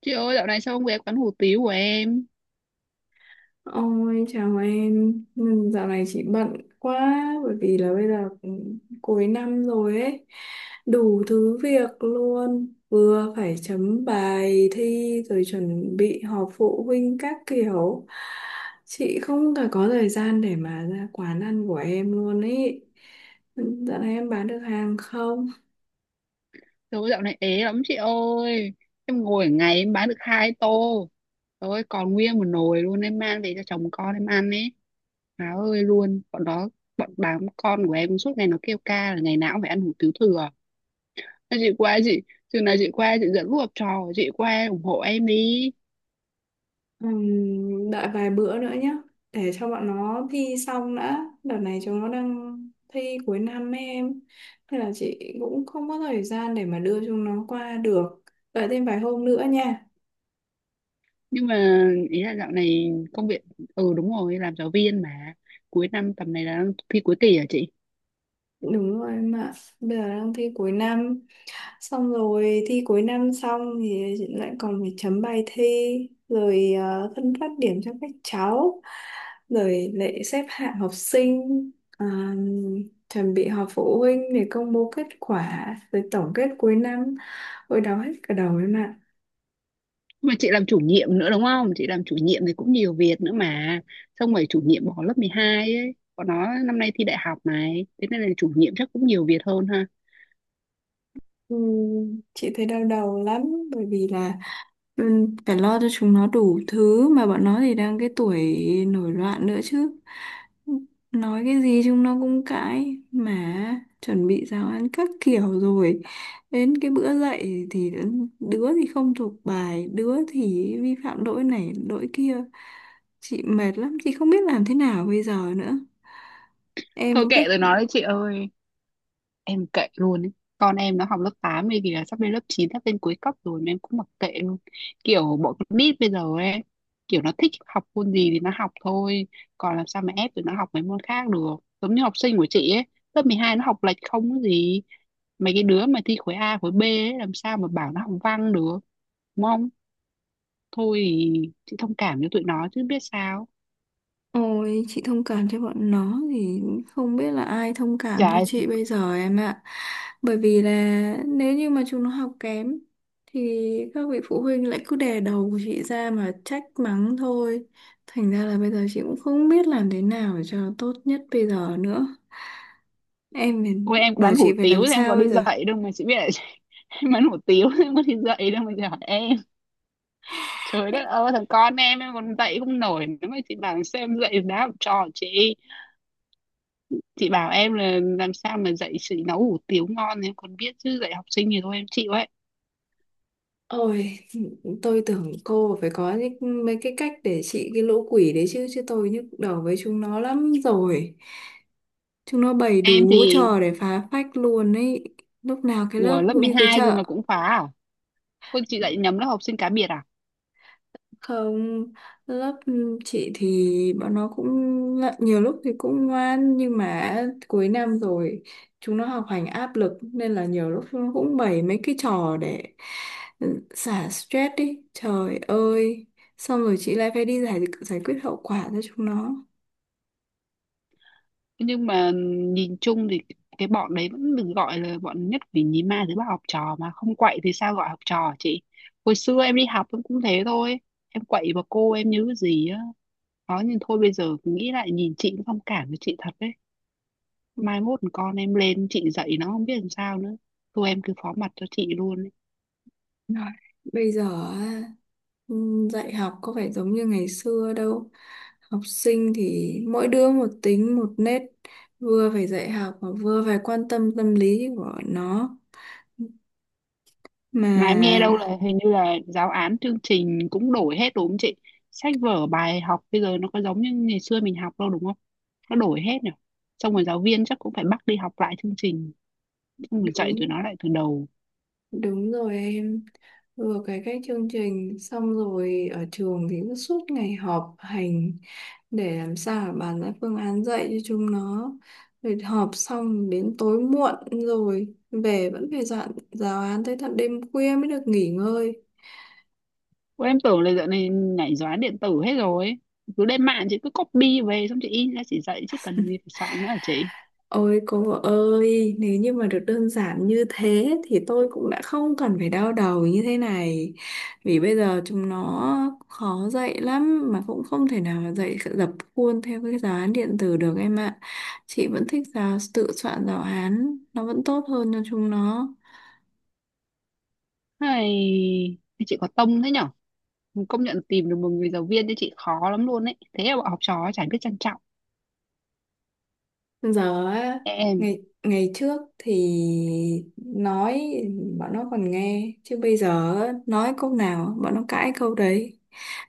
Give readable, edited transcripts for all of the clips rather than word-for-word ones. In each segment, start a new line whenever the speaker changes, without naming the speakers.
Chị ơi dạo này sao không ghé quán hủ tiếu của em?
Ôi chào em. Ừ, Dạo này chị bận quá bởi vì là bây giờ cũng cuối năm rồi ấy, đủ thứ việc luôn, vừa phải chấm bài thi rồi chuẩn bị họp phụ huynh các kiểu. Chị không cả có thời gian để mà ra quán ăn của em luôn ấy. Ừ, dạo này em bán được hàng không?
Trời ơi dạo này ế lắm chị ơi. Em ngồi ở ngày em bán được hai tô. Trời ơi còn nguyên một nồi luôn. Em mang về cho chồng con em ăn ấy. Má ơi luôn. Bọn đó đám con của em suốt ngày nó kêu ca là ngày nào cũng phải ăn hủ tiếu thừa. Nên chị qua chị chừng nào chị qua chị dẫn lũ học trò, chị qua ủng hộ em đi.
Đợi vài bữa nữa nhé, để cho bọn nó thi xong đã, đợt này chúng nó đang thi cuối năm ấy em, nên là chị cũng không có thời gian để mà đưa chúng nó qua được, đợi thêm vài hôm nữa nha.
Nhưng mà ý là dạo này công việc, ừ đúng rồi, làm giáo viên mà. Cuối năm tầm này là thi cuối kỳ hả chị?
Đúng rồi em ạ, bây giờ đang thi cuối năm, xong rồi thi cuối năm xong thì chị lại còn phải chấm bài thi rồi phân phát điểm cho các cháu, rồi lại xếp hạng học sinh, ờ, chuẩn bị họp phụ huynh để công bố kết quả rồi tổng kết cuối năm, ôi đau hết cả đầu em ạ.
Mà chị làm chủ nhiệm nữa đúng không? Chị làm chủ nhiệm thì cũng nhiều việc nữa mà, xong rồi chủ nhiệm bỏ lớp 12 ấy, còn nó năm nay thi đại học này, thế nên là chủ nhiệm chắc cũng nhiều việc hơn ha.
Ừ, chị thấy đau đầu lắm, bởi vì là phải lo cho chúng nó đủ thứ, mà bọn nó thì đang cái tuổi nổi loạn nữa chứ, nói cái gì chúng nó cũng cãi, mà chuẩn bị giáo án các kiểu rồi đến cái bữa dậy thì đứa thì không thuộc bài, đứa thì vi phạm lỗi này lỗi kia. Chị mệt lắm, chị không biết làm thế nào bây giờ nữa, em
Thôi
có cách.
kệ rồi nói đấy chị ơi, em kệ luôn ấy. Con em nó học lớp 8 ấy, giờ sắp lên lớp chín, sắp lên cuối cấp rồi mà em cũng mặc kệ luôn. Kiểu bọn con nít bây giờ ấy, kiểu nó thích học môn gì thì nó học thôi, còn làm sao mà ép tụi nó học mấy môn khác được. Giống như học sinh của chị ấy, lớp 12 nó học lệch không có gì. Mấy cái đứa mà thi khối A khối B ấy, làm sao mà bảo nó học văn được, đúng không? Thôi thì chị thông cảm cho tụi nó chứ biết sao.
Ôi, chị thông cảm cho bọn nó thì không biết là ai thông cảm cho
Trời
chị bây giờ em ạ. Bởi vì là nếu như mà chúng nó học kém thì các vị phụ huynh lại cứ đè đầu của chị ra mà trách mắng thôi. Thành ra là bây giờ chị cũng không biết làm thế nào để cho tốt nhất bây giờ nữa. Em phải-
ôi, em
bảo
bán
chị
hủ
phải
tiếu
làm
thì em có
sao bây
đi
giờ?
dạy đâu mà chị biết là chị- Em bán hủ tiếu thì em có đi dạy đâu mà chị hỏi em. Trời đất ơi, thằng con em còn dạy không nổi nữa mà chị bảo sao em dạy đá học trò chị. Chị bảo em là làm sao mà dạy chị nấu hủ tiếu ngon thì em còn biết, chứ dạy học sinh thì thôi em chịu ấy.
Ôi, tôi tưởng cô phải có những mấy cái cách để trị cái lũ quỷ đấy chứ, chứ tôi nhức đầu với chúng nó lắm rồi. Chúng nó bày
Em
đủ
thì
trò để phá phách luôn ấy. Lúc nào cái
của
lớp
lớp
cũng
mười
như cái
hai rồi
chợ.
mà cũng phá à? Ôi, chị dạy nhầm lớp học sinh cá biệt à?
Không, lớp chị thì bọn nó cũng ngại- nhiều lúc thì cũng ngoan, nhưng mà cuối năm rồi chúng nó học hành áp lực nên là nhiều lúc chúng nó cũng bày mấy cái trò để ừ, xả stress đi. Trời ơi, xong rồi chị lại phải đi giải giải quyết hậu quả cho chúng nó.
Nhưng mà nhìn chung thì cái bọn đấy vẫn được gọi là bọn nhất vì nhí ma thứ ba, học trò mà không quậy thì sao gọi học trò chị. Hồi xưa em đi học em cũng thế thôi, em quậy bà cô em nhớ gì á. Đó nhưng thôi, bây giờ nghĩ lại nhìn chị cũng thông cảm với chị thật đấy. Mai mốt con em lên chị dạy nó không biết làm sao nữa, thôi em cứ phó mặt cho chị luôn.
Rồi, bây giờ á, dạy học có phải giống như ngày xưa đâu. Học sinh thì mỗi đứa một tính một nết, vừa phải dạy học mà vừa phải quan tâm tâm lý của nó. Mà
Mà em nghe đâu là hình như là giáo án chương trình cũng đổi hết đúng không chị? Sách vở bài học bây giờ nó có giống như ngày xưa mình học đâu, đúng không? Nó đổi hết nhỉ, xong rồi giáo viên chắc cũng phải bắt đi học lại chương trình, xong rồi dạy tụi
đúng
nó lại từ đầu.
đúng rồi em. Vừa cái chương trình, xong rồi ở trường thì cứ suốt ngày họp hành để làm sao mà bàn ra phương án dạy cho chúng nó, rồi họp xong đến tối muộn rồi về vẫn phải soạn giáo án tới tận đêm khuya mới được nghỉ ngơi.
Ủa, em tưởng là dạo này nhảy giáo án điện tử hết rồi, cứ lên mạng chị cứ copy về xong chị in ra chị dạy chứ cần gì phải soạn nữa hả chị?
Ôi cô ơi, nếu như mà được đơn giản như thế thì tôi cũng đã không cần phải đau đầu như thế này, vì bây giờ chúng nó khó dạy lắm, mà cũng không thể nào mà dạy dập khuôn theo cái giáo án điện tử được em ạ. Chị vẫn thích giáo tự soạn giáo án, nó vẫn tốt hơn cho chúng nó.
Hay chị có tông thế nhở? Công nhận tìm được một người giáo viên cho chị khó lắm luôn ấy, thế mà bọn học trò chả biết trân trọng.
Giờ á,
Em
ngày ngày trước thì nói bọn nó còn nghe, chứ bây giờ á, nói câu nào bọn nó cãi câu đấy.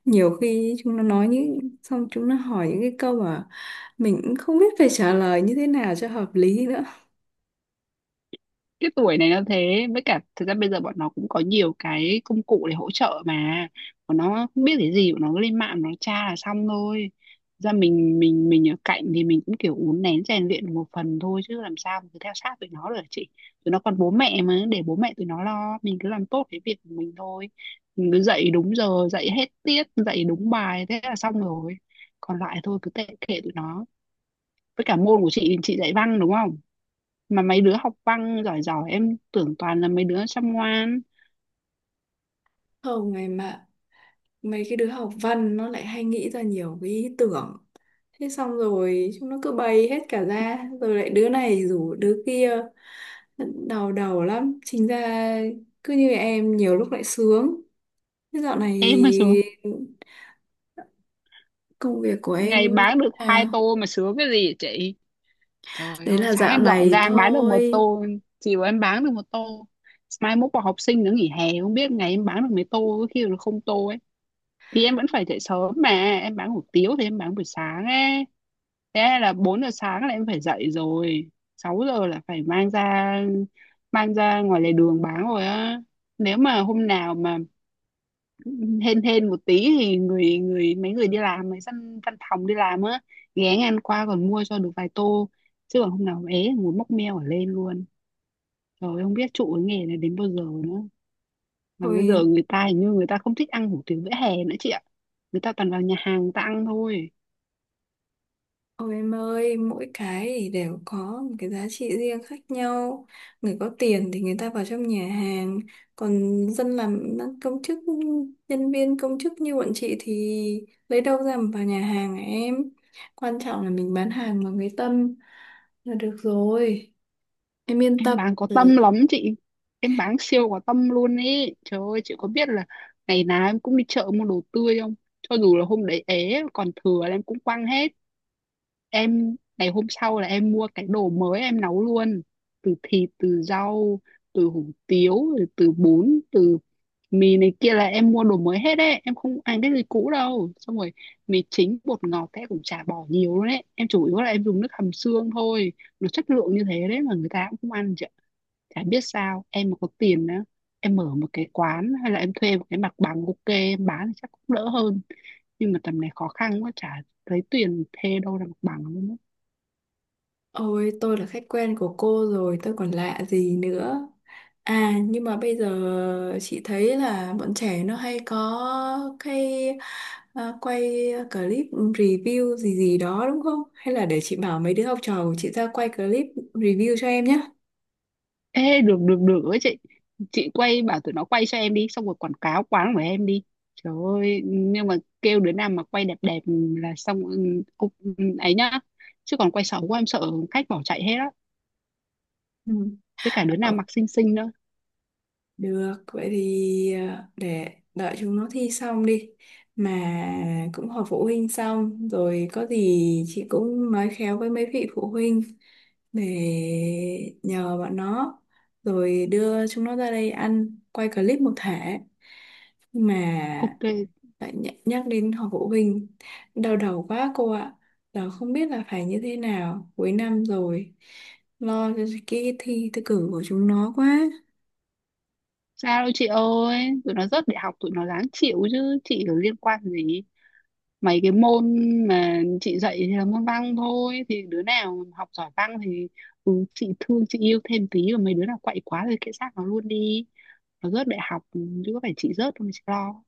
Nhiều khi chúng nó nói những xong chúng nó hỏi những cái câu mà mình cũng không biết phải trả lời như thế nào cho hợp lý nữa.
cái tuổi này nó thế, với cả thực ra bây giờ bọn nó cũng có nhiều cái công cụ để hỗ trợ mà. Bọn nó không biết cái gì bọn nó cứ lên mạng nó tra là xong thôi. Thực ra mình ở cạnh thì mình cũng kiểu uốn nén rèn luyện một phần thôi chứ làm sao mà cứ theo sát tụi nó được hả chị. Tụi nó còn bố mẹ mà, để bố mẹ tụi nó lo, mình cứ làm tốt cái việc của mình thôi. Mình cứ dạy đúng giờ, dạy hết tiết, dạy đúng bài thế là xong rồi, còn lại thôi cứ tệ kệ tụi nó. Với cả môn của chị dạy văn đúng không? Mà mấy đứa học văn giỏi giỏi em tưởng toàn là mấy đứa chăm ngoan.
Không ngày mà mấy cái đứa học văn nó lại hay nghĩ ra nhiều cái ý tưởng, thế xong rồi chúng nó cứ bày hết cả ra rồi lại đứa này rủ đứa kia, đau đầu lắm chính ra. Cứ như em nhiều lúc lại sướng. Thế dạo này
Em mà xuống
công việc của
ngày
em như
bán
thế
được hai
nào?
tô mà sướng cái gì chị. Trời
Đấy
ơi,
là
sáng
dạo
em dọn
này
ra em bán được một
thôi.
tô, chiều em bán được một tô. Mai mốt vào học sinh nó nghỉ hè không biết ngày em bán được mấy tô, có khi là không tô ấy. Thì em vẫn phải dậy sớm mà, em bán hủ tiếu thì em bán buổi sáng ấy, thế là 4 giờ sáng là em phải dậy rồi, 6 giờ là phải mang ra, mang ra ngoài lề đường bán rồi á. Nếu mà hôm nào mà hên hên một tí thì người người, mấy người đi làm, mấy văn văn phòng đi làm á, ghé ngang qua còn mua cho được vài tô. Chứ còn hôm nào ế ngồi móc meo ở lên luôn, rồi không biết trụ cái nghề này đến bao giờ nữa. Mà bây giờ
Thôi.
người ta hình như người ta không thích ăn hủ tiếu vỉa hè nữa chị ạ, người ta toàn vào nhà hàng người ta ăn thôi.
Ôi em ơi, mỗi cái thì đều có một cái giá trị riêng khác nhau. Người có tiền thì người ta vào trong nhà hàng, còn dân làm công chức, nhân viên công chức như bọn chị thì lấy đâu ra mà vào nhà hàng hả em. Quan trọng là mình bán hàng bằng cái tâm là được rồi. Em yên
Em
tâm.
bán có
Ừ.
tâm lắm chị, em bán siêu có tâm luôn ý. Trời ơi chị có biết là ngày nào em cũng đi chợ mua đồ tươi không, cho dù là hôm đấy ế còn thừa là em cũng quăng hết. Em ngày hôm sau là em mua cái đồ mới em nấu luôn, từ thịt, từ rau, từ hủ tiếu, rồi từ bún, từ mì này kia là em mua đồ mới hết đấy, em không ăn cái gì cũ đâu. Xong rồi mì chính bột ngọt cái cũng chả bỏ nhiều luôn đấy, em chủ yếu là em dùng nước hầm xương thôi. Nó chất lượng như thế đấy mà người ta cũng không ăn chị ạ, chả biết sao. Em mà có tiền á, em mở một cái quán hay là em thuê một cái mặt bằng ok em bán thì chắc cũng đỡ hơn, nhưng mà tầm này khó khăn quá, chả lấy tiền thuê đâu ra mặt bằng luôn á.
Ôi, tôi là khách quen của cô rồi, tôi còn lạ gì nữa. À, nhưng mà bây giờ chị thấy là bọn trẻ nó hay có cái quay clip review gì gì đó đúng không? Hay là để chị bảo mấy đứa học trò của chị ra quay clip review cho em nhé.
Ê được được được ấy chị quay bảo tụi nó quay cho em đi xong rồi quảng cáo quán của em đi. Trời ơi nhưng mà kêu đứa nào mà quay đẹp đẹp là xong, ừ, cũng ấy nhá, chứ còn quay xấu quá em sợ khách bỏ chạy hết á. Với cả đứa nào
Ừ.
mặc xinh xinh nữa.
Được, vậy thì để đợi chúng nó thi xong đi. Mà cũng họp phụ huynh xong, rồi có gì chị cũng nói khéo với mấy vị phụ huynh để nhờ bọn nó, rồi đưa chúng nó ra đây ăn, quay clip một thể. Nhưng mà
Ok.
lại nh- nhắc đến họp phụ huynh, đau đầu quá cô ạ. Giờ không biết là phải như thế nào, cuối năm rồi, lo cho cái thi, thi cử của chúng nó quá.
Sao đâu chị ơi, tụi nó rớt đại học tụi nó ráng chịu chứ, chị có liên quan gì. Mấy cái môn mà chị dạy thì là môn văn thôi, thì đứa nào học giỏi văn thì ừ, chị thương chị yêu thêm tí, và mấy đứa nào quậy quá thì kệ xác nó luôn đi. Nó rớt đại học chứ có phải chị rớt đâu mà chị lo.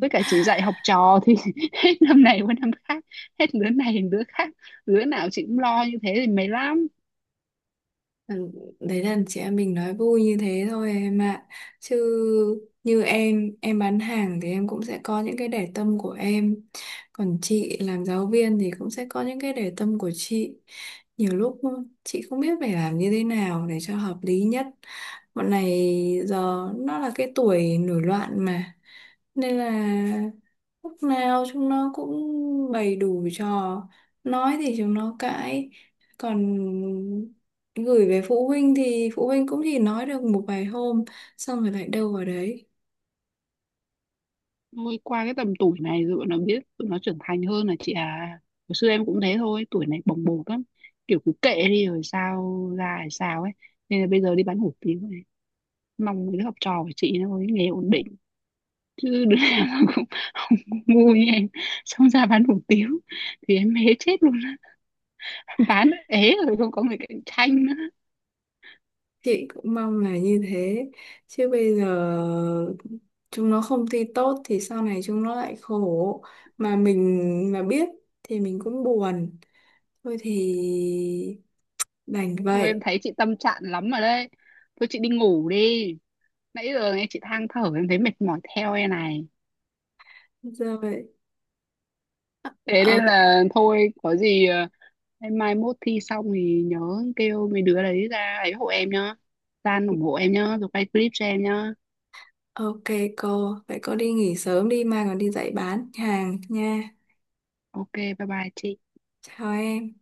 Với cả chị dạy học trò thì hết năm này qua năm khác, hết đứa này đến đứa khác, đứa nào chị cũng lo như thế thì mệt lắm.
Ừ, Đấy là chị em mình nói vui như thế thôi em ạ. Chứ như em bán hàng thì em cũng sẽ có những cái để tâm của em. Còn chị làm giáo viên thì cũng sẽ có những cái để tâm của chị. Nhiều lúc chị không biết phải làm như thế nào để cho hợp lý nhất. Bọn này giờ nó là cái tuổi nổi loạn mà, nên là lúc nào chúng nó cũng bày đủ trò, nói thì chúng nó cãi, còn gửi về phụ huynh thì phụ huynh cũng chỉ nói được một vài hôm xong rồi lại đâu vào đấy.
Thôi qua cái tầm tuổi này rồi bọn nó biết, tụi nó trưởng thành hơn là chị à. Hồi xưa em cũng thế thôi, tuổi này bồng bột lắm, kiểu cứ kệ đi rồi sao ra hay sao ấy. Nên là bây giờ đi bán hủ tiếu này, mong mấy đứa học trò của chị nó có cái nghề ổn định, chứ đứa nào nó cũng không ngu như em, xong ra bán hủ tiếu thì em ế chết luôn á. Bán ế rồi không có người cạnh tranh nữa.
Chị cũng mong là như thế, chứ bây giờ chúng nó không thi tốt thì sau này chúng nó lại khổ, mà mình mà biết thì mình cũng buồn. Thôi thì đành
Thôi em
vậy.
thấy chị tâm trạng lắm rồi đấy, thôi chị đi ngủ đi, nãy giờ nghe chị than thở em thấy mệt mỏi theo em này.
Giờ vậy.
Thế nên là thôi có gì em mai mốt thi xong thì nhớ kêu mấy đứa đấy ra ấy hộ em nhá, San ủng hộ em nhá, rồi quay clip cho em nhá.
Ok cô, vậy cô đi nghỉ sớm đi mai còn đi dạy bán hàng nha.
Ok bye bye chị.
Chào em.